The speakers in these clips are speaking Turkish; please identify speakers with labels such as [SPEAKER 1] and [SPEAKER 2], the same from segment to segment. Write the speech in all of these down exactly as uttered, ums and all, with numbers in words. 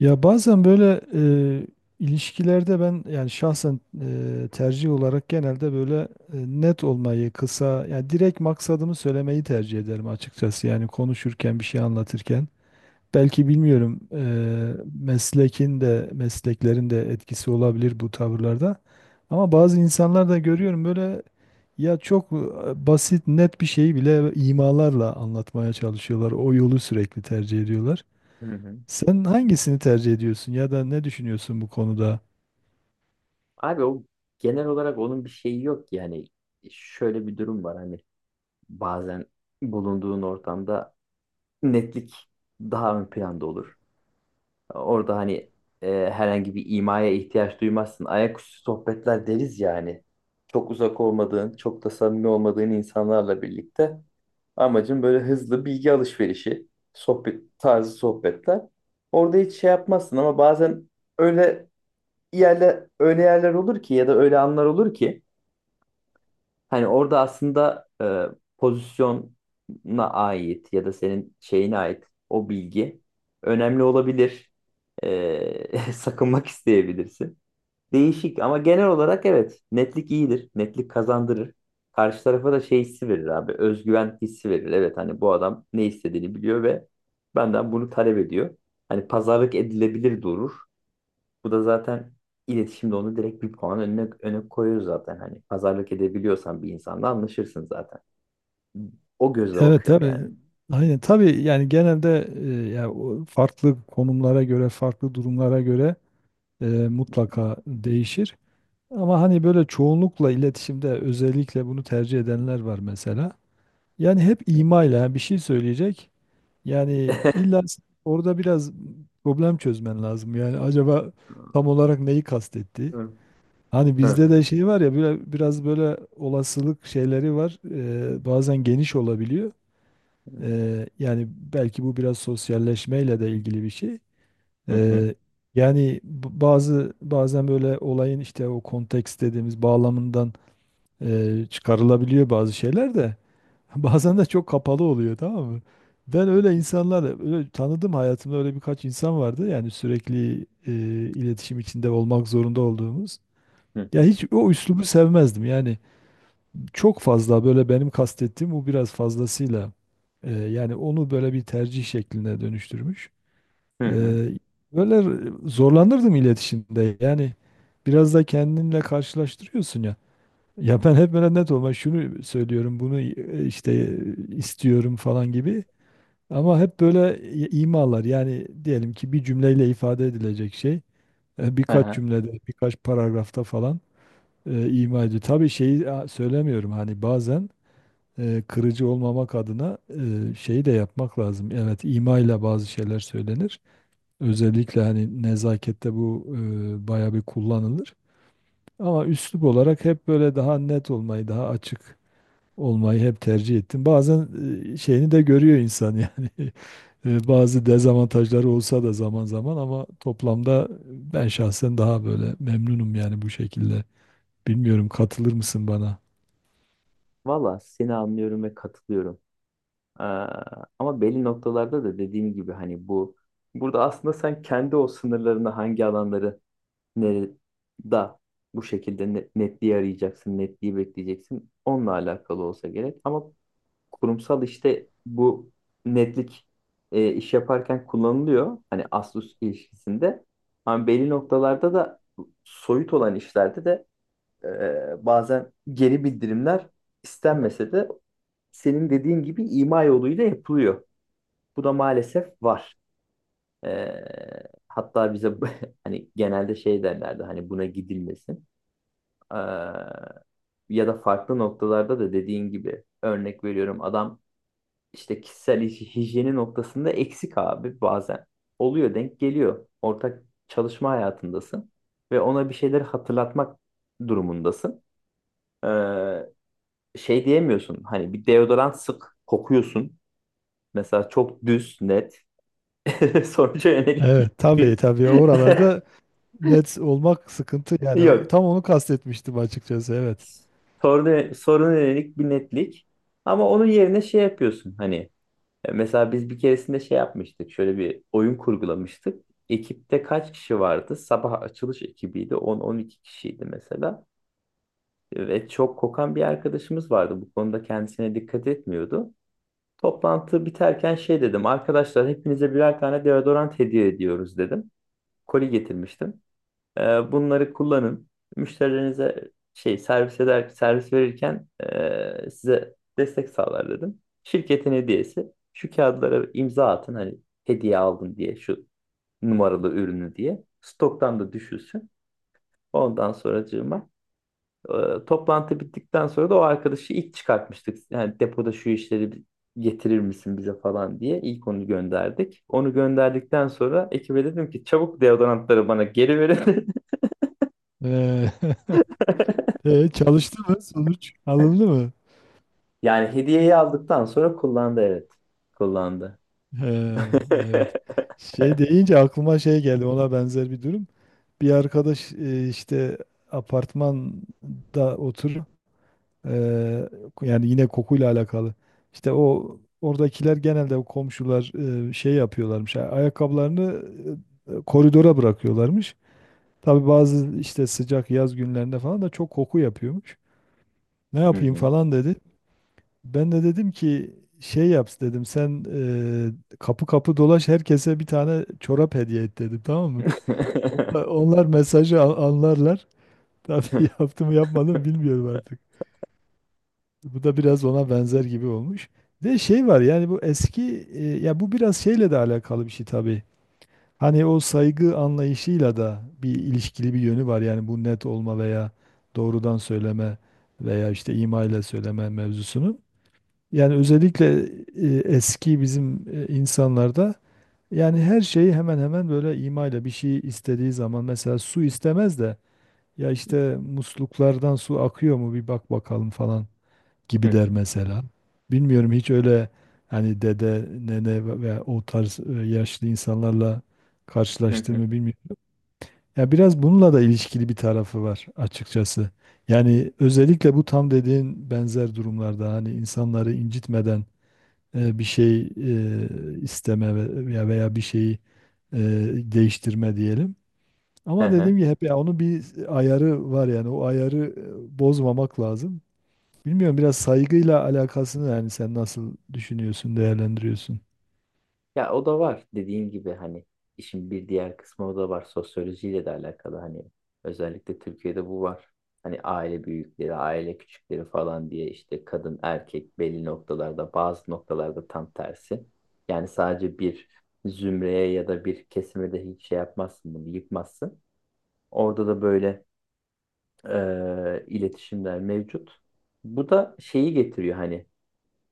[SPEAKER 1] Ya bazen böyle e, ilişkilerde ben yani şahsen e, tercih olarak genelde böyle e, net olmayı, kısa yani direkt maksadımı söylemeyi tercih ederim açıkçası. Yani konuşurken bir şey anlatırken belki bilmiyorum e, meslekin de mesleklerin de etkisi olabilir bu tavırlarda. Ama bazı insanlar da görüyorum böyle ya çok e, basit net bir şeyi bile imalarla anlatmaya çalışıyorlar. O yolu sürekli tercih ediyorlar.
[SPEAKER 2] Hı hı.
[SPEAKER 1] Sen hangisini tercih ediyorsun ya da ne düşünüyorsun bu konuda?
[SPEAKER 2] Abi o genel olarak onun bir şeyi yok yani şöyle bir durum var hani bazen bulunduğun ortamda netlik daha ön planda olur. Orada hani e, herhangi bir imaya ihtiyaç duymazsın. Ayaküstü sohbetler deriz ya hani. Çok uzak olmadığın, çok da samimi olmadığın insanlarla birlikte amacın böyle hızlı bilgi alışverişi, sohbet tarzı sohbetler. Orada hiç şey yapmazsın ama bazen öyle yerler öyle yerler olur ki ya da öyle anlar olur ki hani orada aslında e, pozisyona ait ya da senin şeyine ait o bilgi önemli olabilir. E, sakınmak isteyebilirsin. Değişik ama genel olarak evet, netlik iyidir. Netlik kazandırır. Karşı tarafa da şey hissi verir abi. Özgüven hissi verir. Evet, hani bu adam ne istediğini biliyor ve benden bunu talep ediyor. Hani pazarlık edilebilir durur. Bu da zaten iletişimde onu direkt bir puan önüne, öne koyuyor zaten. Hani pazarlık edebiliyorsan bir insanla anlaşırsın zaten. O gözle
[SPEAKER 1] Evet,
[SPEAKER 2] bakıyorum
[SPEAKER 1] tabii.
[SPEAKER 2] yani.
[SPEAKER 1] Aynen tabii yani genelde e, ya o farklı konumlara göre, farklı durumlara göre e, mutlaka değişir. Ama hani böyle çoğunlukla iletişimde özellikle bunu tercih edenler var mesela. Yani hep imayla bir şey söyleyecek. Yani illa orada biraz problem çözmen lazım. Yani acaba tam olarak neyi kastetti? Hani bizde de şey var ya böyle biraz böyle olasılık şeyleri var. Ee, bazen geniş olabiliyor. Ee, yani belki bu biraz sosyalleşmeyle de ilgili bir şey. Ee, Yani b- bazı bazen böyle olayın işte o konteks dediğimiz bağlamından e, çıkarılabiliyor bazı şeyler de. Bazen de çok kapalı oluyor, tamam mı? Ben öyle insanlar öyle tanıdım hayatımda, öyle birkaç insan vardı. Yani sürekli e, iletişim içinde olmak zorunda olduğumuz. Ya hiç o üslubu sevmezdim. Yani çok fazla böyle benim kastettiğim bu biraz fazlasıyla e, yani onu böyle bir tercih şekline dönüştürmüş. E, Böyle zorlanırdım iletişimde. Yani biraz da kendinle karşılaştırıyorsun ya. Ya ben hep böyle net olma şunu söylüyorum, bunu e, işte e, istiyorum falan gibi. Ama hep böyle i- imalar yani diyelim ki bir cümleyle ifade edilecek şey e, birkaç cümlede, birkaç paragrafta falan e, ima ediyor. Tabii şeyi a, söylemiyorum hani bazen e, kırıcı olmamak adına e, şeyi de yapmak lazım. Evet, imayla bazı şeyler söylenir. Özellikle hani nezakette bu e, bayağı bir kullanılır. Ama üslup olarak hep böyle daha net olmayı, daha açık olmayı hep tercih ettim. Bazen e, şeyini de görüyor insan yani. E, Bazı dezavantajları olsa da zaman zaman ama toplamda ben şahsen daha böyle memnunum yani bu şekilde. Bilmiyorum, katılır mısın bana?
[SPEAKER 2] Valla seni anlıyorum ve katılıyorum. Ee, ama belli noktalarda da dediğim gibi hani bu burada aslında sen kendi o sınırlarını hangi alanları nere- da bu şekilde ne- netliği arayacaksın, netliği bekleyeceksin. Onunla alakalı olsa gerek. Ama kurumsal işte bu netlik e, iş yaparken kullanılıyor. Hani Asus ilişkisinde. Ama belli noktalarda da soyut olan işlerde de e, bazen geri bildirimler istenmese de senin dediğin gibi ima yoluyla yapılıyor. Bu da maalesef var. E, hatta bize hani genelde şey derlerdi hani buna gidilmesin. Ee, ya da farklı noktalarda da dediğin gibi örnek veriyorum, adam işte kişisel hij- hijyeni noktasında eksik abi bazen. Oluyor, denk geliyor. Ortak çalışma hayatındasın ve ona bir şeyleri hatırlatmak durumundasın. Ee, şey diyemiyorsun hani bir deodorant sık kokuyorsun. Mesela çok düz net sonuca yönelik
[SPEAKER 1] Evet, tabii
[SPEAKER 2] bir
[SPEAKER 1] tabii, oralarda net olmak sıkıntı yani o-
[SPEAKER 2] yok.
[SPEAKER 1] tam onu kastetmiştim açıkçası, evet.
[SPEAKER 2] Soruna, soruna yönelik bir netlik. Ama onun yerine şey yapıyorsun hani. E, Mesela biz bir keresinde şey yapmıştık. Şöyle bir oyun kurgulamıştık. Ekipte kaç kişi vardı? Sabah açılış ekibiydi. on on iki kişiydi mesela. Ve çok kokan bir arkadaşımız vardı. Bu konuda kendisine dikkat etmiyordu. Toplantı biterken şey dedim. Arkadaşlar, hepinize birer tane deodorant hediye ediyoruz dedim. Koli getirmiştim. Ee, bunları kullanın. Müşterilerinize şey servis eder servis verirken e, size destek sağlar dedim. Şirketin hediyesi, şu kağıtlara imza atın hani hediye aldım diye şu numaralı ürünü diye. Stoktan da düşülsün. Ondan sonracığıma e, toplantı bittikten sonra da o arkadaşı ilk çıkartmıştık. Yani depoda şu işleri bi- getirir misin bize falan diye ilk onu gönderdik. Onu gönderdikten sonra ekibe dedim ki çabuk deodorantları bana geri verin.
[SPEAKER 1] Ee, e, çalıştı mı, sonuç alındı mı?
[SPEAKER 2] Yani hediyeyi aldıktan sonra kullandı, evet. Kullandı.
[SPEAKER 1] Ee, evet. Şey deyince aklıma şey geldi, ona benzer bir durum. Bir arkadaş e, işte apartmanda oturuyor. Ee, yani yine kokuyla alakalı. İşte o oradakiler genelde o komşular e, şey yapıyorlarmış. Ayakkabılarını e, e, koridora bırakıyorlarmış. Tabii bazı işte sıcak yaz günlerinde falan da çok koku yapıyormuş. Ne
[SPEAKER 2] Hı
[SPEAKER 1] yapayım
[SPEAKER 2] hı.
[SPEAKER 1] falan dedi. Ben de dedim ki şey yap dedim sen e, kapı kapı dolaş herkese bir tane çorap hediye et dedim, tamam mı? Onlar, onlar mesajı a- anlarlar. Tabii yaptım mı yapmadım mı bilmiyorum artık. Bu da biraz ona benzer gibi olmuş. Bir de şey var yani bu eski e, ya bu biraz şeyle de alakalı bir şey tabii. Hani o saygı anlayışıyla da bir ilişkili bir yönü var. Yani bu net olma veya doğrudan söyleme veya işte ima ile söyleme mevzusunun. Yani özellikle e, eski bizim e, insanlarda yani her şeyi hemen hemen böyle ima ile bir şey istediği zaman mesela su istemez de, ya işte musluklardan su akıyor mu bir bak bakalım falan
[SPEAKER 2] Hı
[SPEAKER 1] gibi der
[SPEAKER 2] hı.
[SPEAKER 1] mesela. Bilmiyorum hiç öyle hani dede, nene ve ve o tarz e, yaşlı insanlarla
[SPEAKER 2] Hı hı.
[SPEAKER 1] karşılaştığımı bilmiyorum. Ya biraz bununla da ilişkili bir tarafı var açıkçası. Yani özellikle bu tam dediğin benzer durumlarda hani insanları incitmeden e, bir şey e, isteme ve- veya veya bir şeyi e, değiştirme diyelim.
[SPEAKER 2] Hı
[SPEAKER 1] Ama
[SPEAKER 2] hı.
[SPEAKER 1] dediğim gibi hep ya onun bir ayarı var yani o ayarı e, bozmamak lazım. Bilmiyorum biraz saygıyla alakasını, yani sen nasıl düşünüyorsun, değerlendiriyorsun?
[SPEAKER 2] Ya o da var dediğin gibi hani işin bir diğer kısmı o da var, sosyolojiyle de alakalı hani özellikle Türkiye'de bu var. Hani aile büyükleri, aile küçükleri falan diye işte kadın erkek belli noktalarda, bazı noktalarda tam tersi. Yani sadece bir zümreye ya da bir kesime de hiç şey yapmazsın, bunu yıkmazsın. Orada da böyle e, iletişimler mevcut. Bu da şeyi getiriyor hani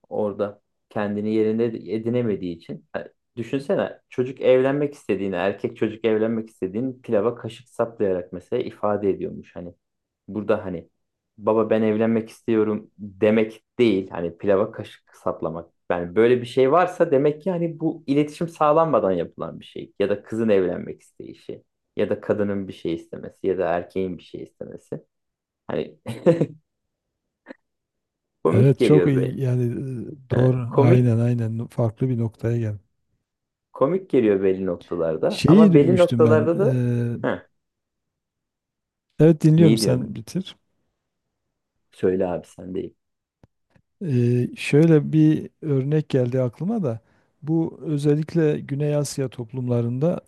[SPEAKER 2] orada kendini yerine edinemediği için. Ha, düşünsene çocuk evlenmek istediğini, erkek çocuk evlenmek istediğini pilava kaşık saplayarak mesela ifade ediyormuş hani. Burada hani baba ben evlenmek istiyorum demek değil. Hani pilava kaşık saplamak. Yani böyle bir şey varsa demek ki hani bu iletişim sağlanmadan yapılan bir şey. Ya da kızın evlenmek isteyişi. Ya da kadının bir şey istemesi. Ya da erkeğin bir şey istemesi. Hani komik
[SPEAKER 1] Evet, çok
[SPEAKER 2] geliyor be.
[SPEAKER 1] iyi yani e,
[SPEAKER 2] Ha,
[SPEAKER 1] doğru,
[SPEAKER 2] komik
[SPEAKER 1] aynen aynen farklı bir noktaya geldi.
[SPEAKER 2] komik geliyor belli noktalarda
[SPEAKER 1] Şeyi
[SPEAKER 2] ama belli
[SPEAKER 1] duymuştum ben.
[SPEAKER 2] noktalarda da
[SPEAKER 1] eee,
[SPEAKER 2] ha,
[SPEAKER 1] evet dinliyorum,
[SPEAKER 2] neyi
[SPEAKER 1] sen
[SPEAKER 2] diyorsun?
[SPEAKER 1] bitir.
[SPEAKER 2] Söyle abi, sen değil.
[SPEAKER 1] Eee, şöyle bir örnek geldi aklıma da. Bu özellikle Güney Asya toplumlarında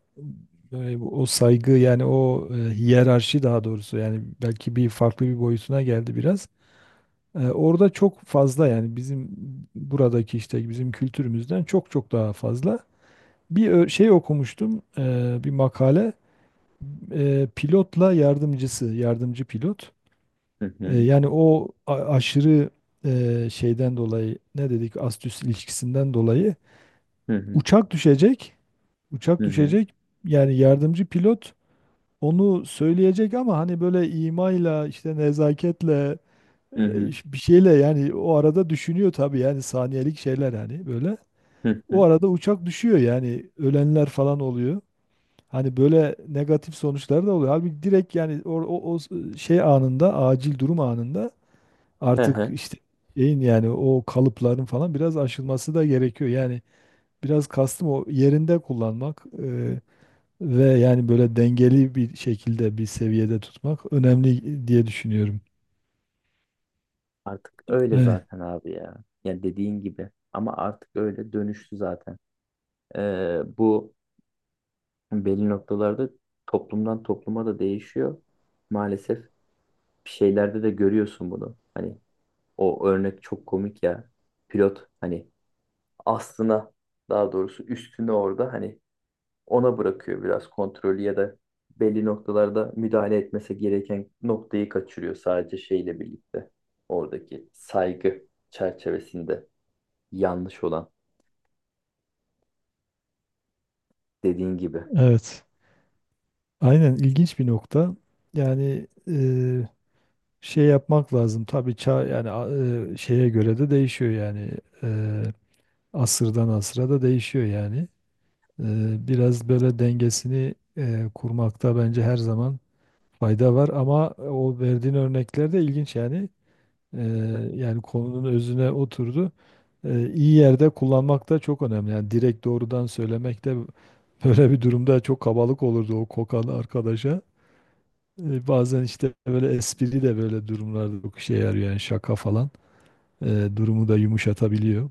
[SPEAKER 1] böyle bu- o saygı yani o e, hiyerarşi daha doğrusu, yani belki bir farklı bir boyutuna geldi biraz. Eee, orada çok fazla yani bizim buradaki işte bizim kültürümüzden çok çok daha fazla. Bir ö- şey okumuştum eee, bir makale. Eee, pilotla yardımcısı, yardımcı pilot.
[SPEAKER 2] Hı
[SPEAKER 1] E,
[SPEAKER 2] hı,
[SPEAKER 1] yani o a- aşırı e, şeyden dolayı ne dedik, astüs ilişkisinden dolayı
[SPEAKER 2] hı hı,
[SPEAKER 1] uçak düşecek. Uçak
[SPEAKER 2] hı hı,
[SPEAKER 1] düşecek. Yani yardımcı pilot onu söyleyecek ama hani böyle imayla işte nezaketle
[SPEAKER 2] hı
[SPEAKER 1] e,
[SPEAKER 2] hı,
[SPEAKER 1] iş- bir şeyle yani o arada düşünüyor tabii yani saniyelik şeyler hani böyle.
[SPEAKER 2] hı
[SPEAKER 1] O
[SPEAKER 2] hı.
[SPEAKER 1] arada uçak düşüyor yani ölenler falan oluyor. Hani böyle negatif sonuçlar da oluyor. Halbuki direkt yani o, o, o şey anında, acil durum anında
[SPEAKER 2] Hı
[SPEAKER 1] artık
[SPEAKER 2] hı.
[SPEAKER 1] işte şeyin yani o kalıpların falan biraz aşılması da gerekiyor. Yani biraz kastım o, yerinde kullanmak e, ve yani böyle dengeli bir şekilde bir seviyede tutmak önemli diye düşünüyorum.
[SPEAKER 2] Artık öyle
[SPEAKER 1] Evet,
[SPEAKER 2] zaten abi ya. Yani dediğin gibi ama artık öyle dönüştü zaten. Ee, bu belli noktalarda toplumdan topluma da değişiyor. Maalesef bir şeylerde de görüyorsun bunu. Hani o örnek çok komik ya. Pilot hani aslına, daha doğrusu üstüne orada hani ona bırakıyor biraz kontrolü ya da belli noktalarda müdahale etmesi gereken noktayı kaçırıyor sadece şeyle birlikte. Oradaki saygı çerçevesinde yanlış olan, dediğin gibi.
[SPEAKER 1] evet. Aynen, ilginç bir nokta. Yani e, şey yapmak lazım. Tabii çağ yani a- e, şeye göre de değişiyor yani. E, asırdan asıra da değişiyor yani. E, biraz böyle dengesini e, kurmakta bence her zaman fayda var ama o verdiğin örnekler de ilginç yani. Ee, yani konunun özüne oturdu. Ee, iyi yerde kullanmak da çok önemli. Yani direkt doğrudan söylemek de böyle bir durumda çok kabalık olurdu o kokan arkadaşa. Ee, bazen işte böyle espri de böyle durumlarda çok işe yarıyor yani, şaka falan. Ee, durumu da yumuşatabiliyor.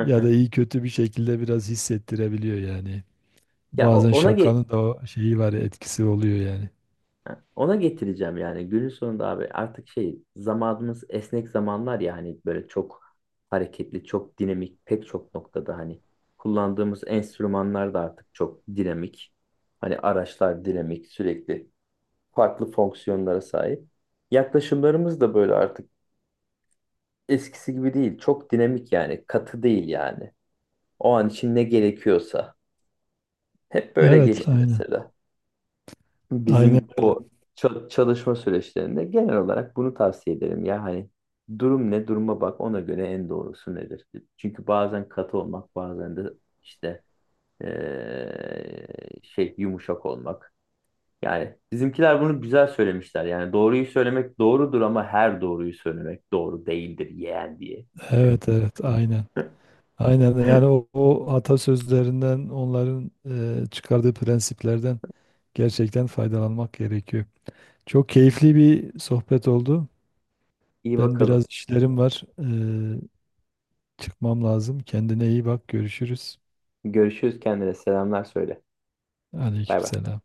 [SPEAKER 1] Ya da iyi kötü bir şekilde biraz hissettirebiliyor yani.
[SPEAKER 2] Ya o-
[SPEAKER 1] Bazen
[SPEAKER 2] ona ge-
[SPEAKER 1] şakanın da o şeyi var ya, etkisi oluyor yani.
[SPEAKER 2] Ha, ona getireceğim yani günün sonunda abi artık şey, zamanımız esnek zamanlar ya hani böyle çok hareketli çok dinamik pek çok noktada hani kullandığımız enstrümanlar da artık çok dinamik, hani araçlar dinamik, sürekli farklı fonksiyonlara sahip, yaklaşımlarımız da böyle artık eskisi gibi değil, çok dinamik yani, katı değil yani, o an için ne gerekiyorsa hep böyle
[SPEAKER 1] Evet,
[SPEAKER 2] geçti
[SPEAKER 1] aynen.
[SPEAKER 2] mesela.
[SPEAKER 1] Aynen,
[SPEAKER 2] Bizim o ça- çalışma süreçlerinde genel olarak bunu tavsiye ederim. Ya hani durum ne, duruma bak ona göre en doğrusu nedir? Çünkü bazen katı olmak bazen de işte eee, şey, yumuşak olmak. Yani bizimkiler bunu güzel söylemişler. Yani doğruyu söylemek doğrudur ama her doğruyu söylemek doğru değildir yeğen diye.
[SPEAKER 1] evet, evet, aynen. Aynen yani o, o atasözlerinden onların e, çıkardığı prensiplerden gerçekten faydalanmak gerekiyor. Çok keyifli bir sohbet oldu.
[SPEAKER 2] İyi
[SPEAKER 1] Ben
[SPEAKER 2] bakalım.
[SPEAKER 1] biraz işlerim var. E, çıkmam lazım. Kendine iyi bak. Görüşürüz.
[SPEAKER 2] Görüşürüz, kendine. Selamlar söyle. Bay bay.
[SPEAKER 1] Aleykümselam.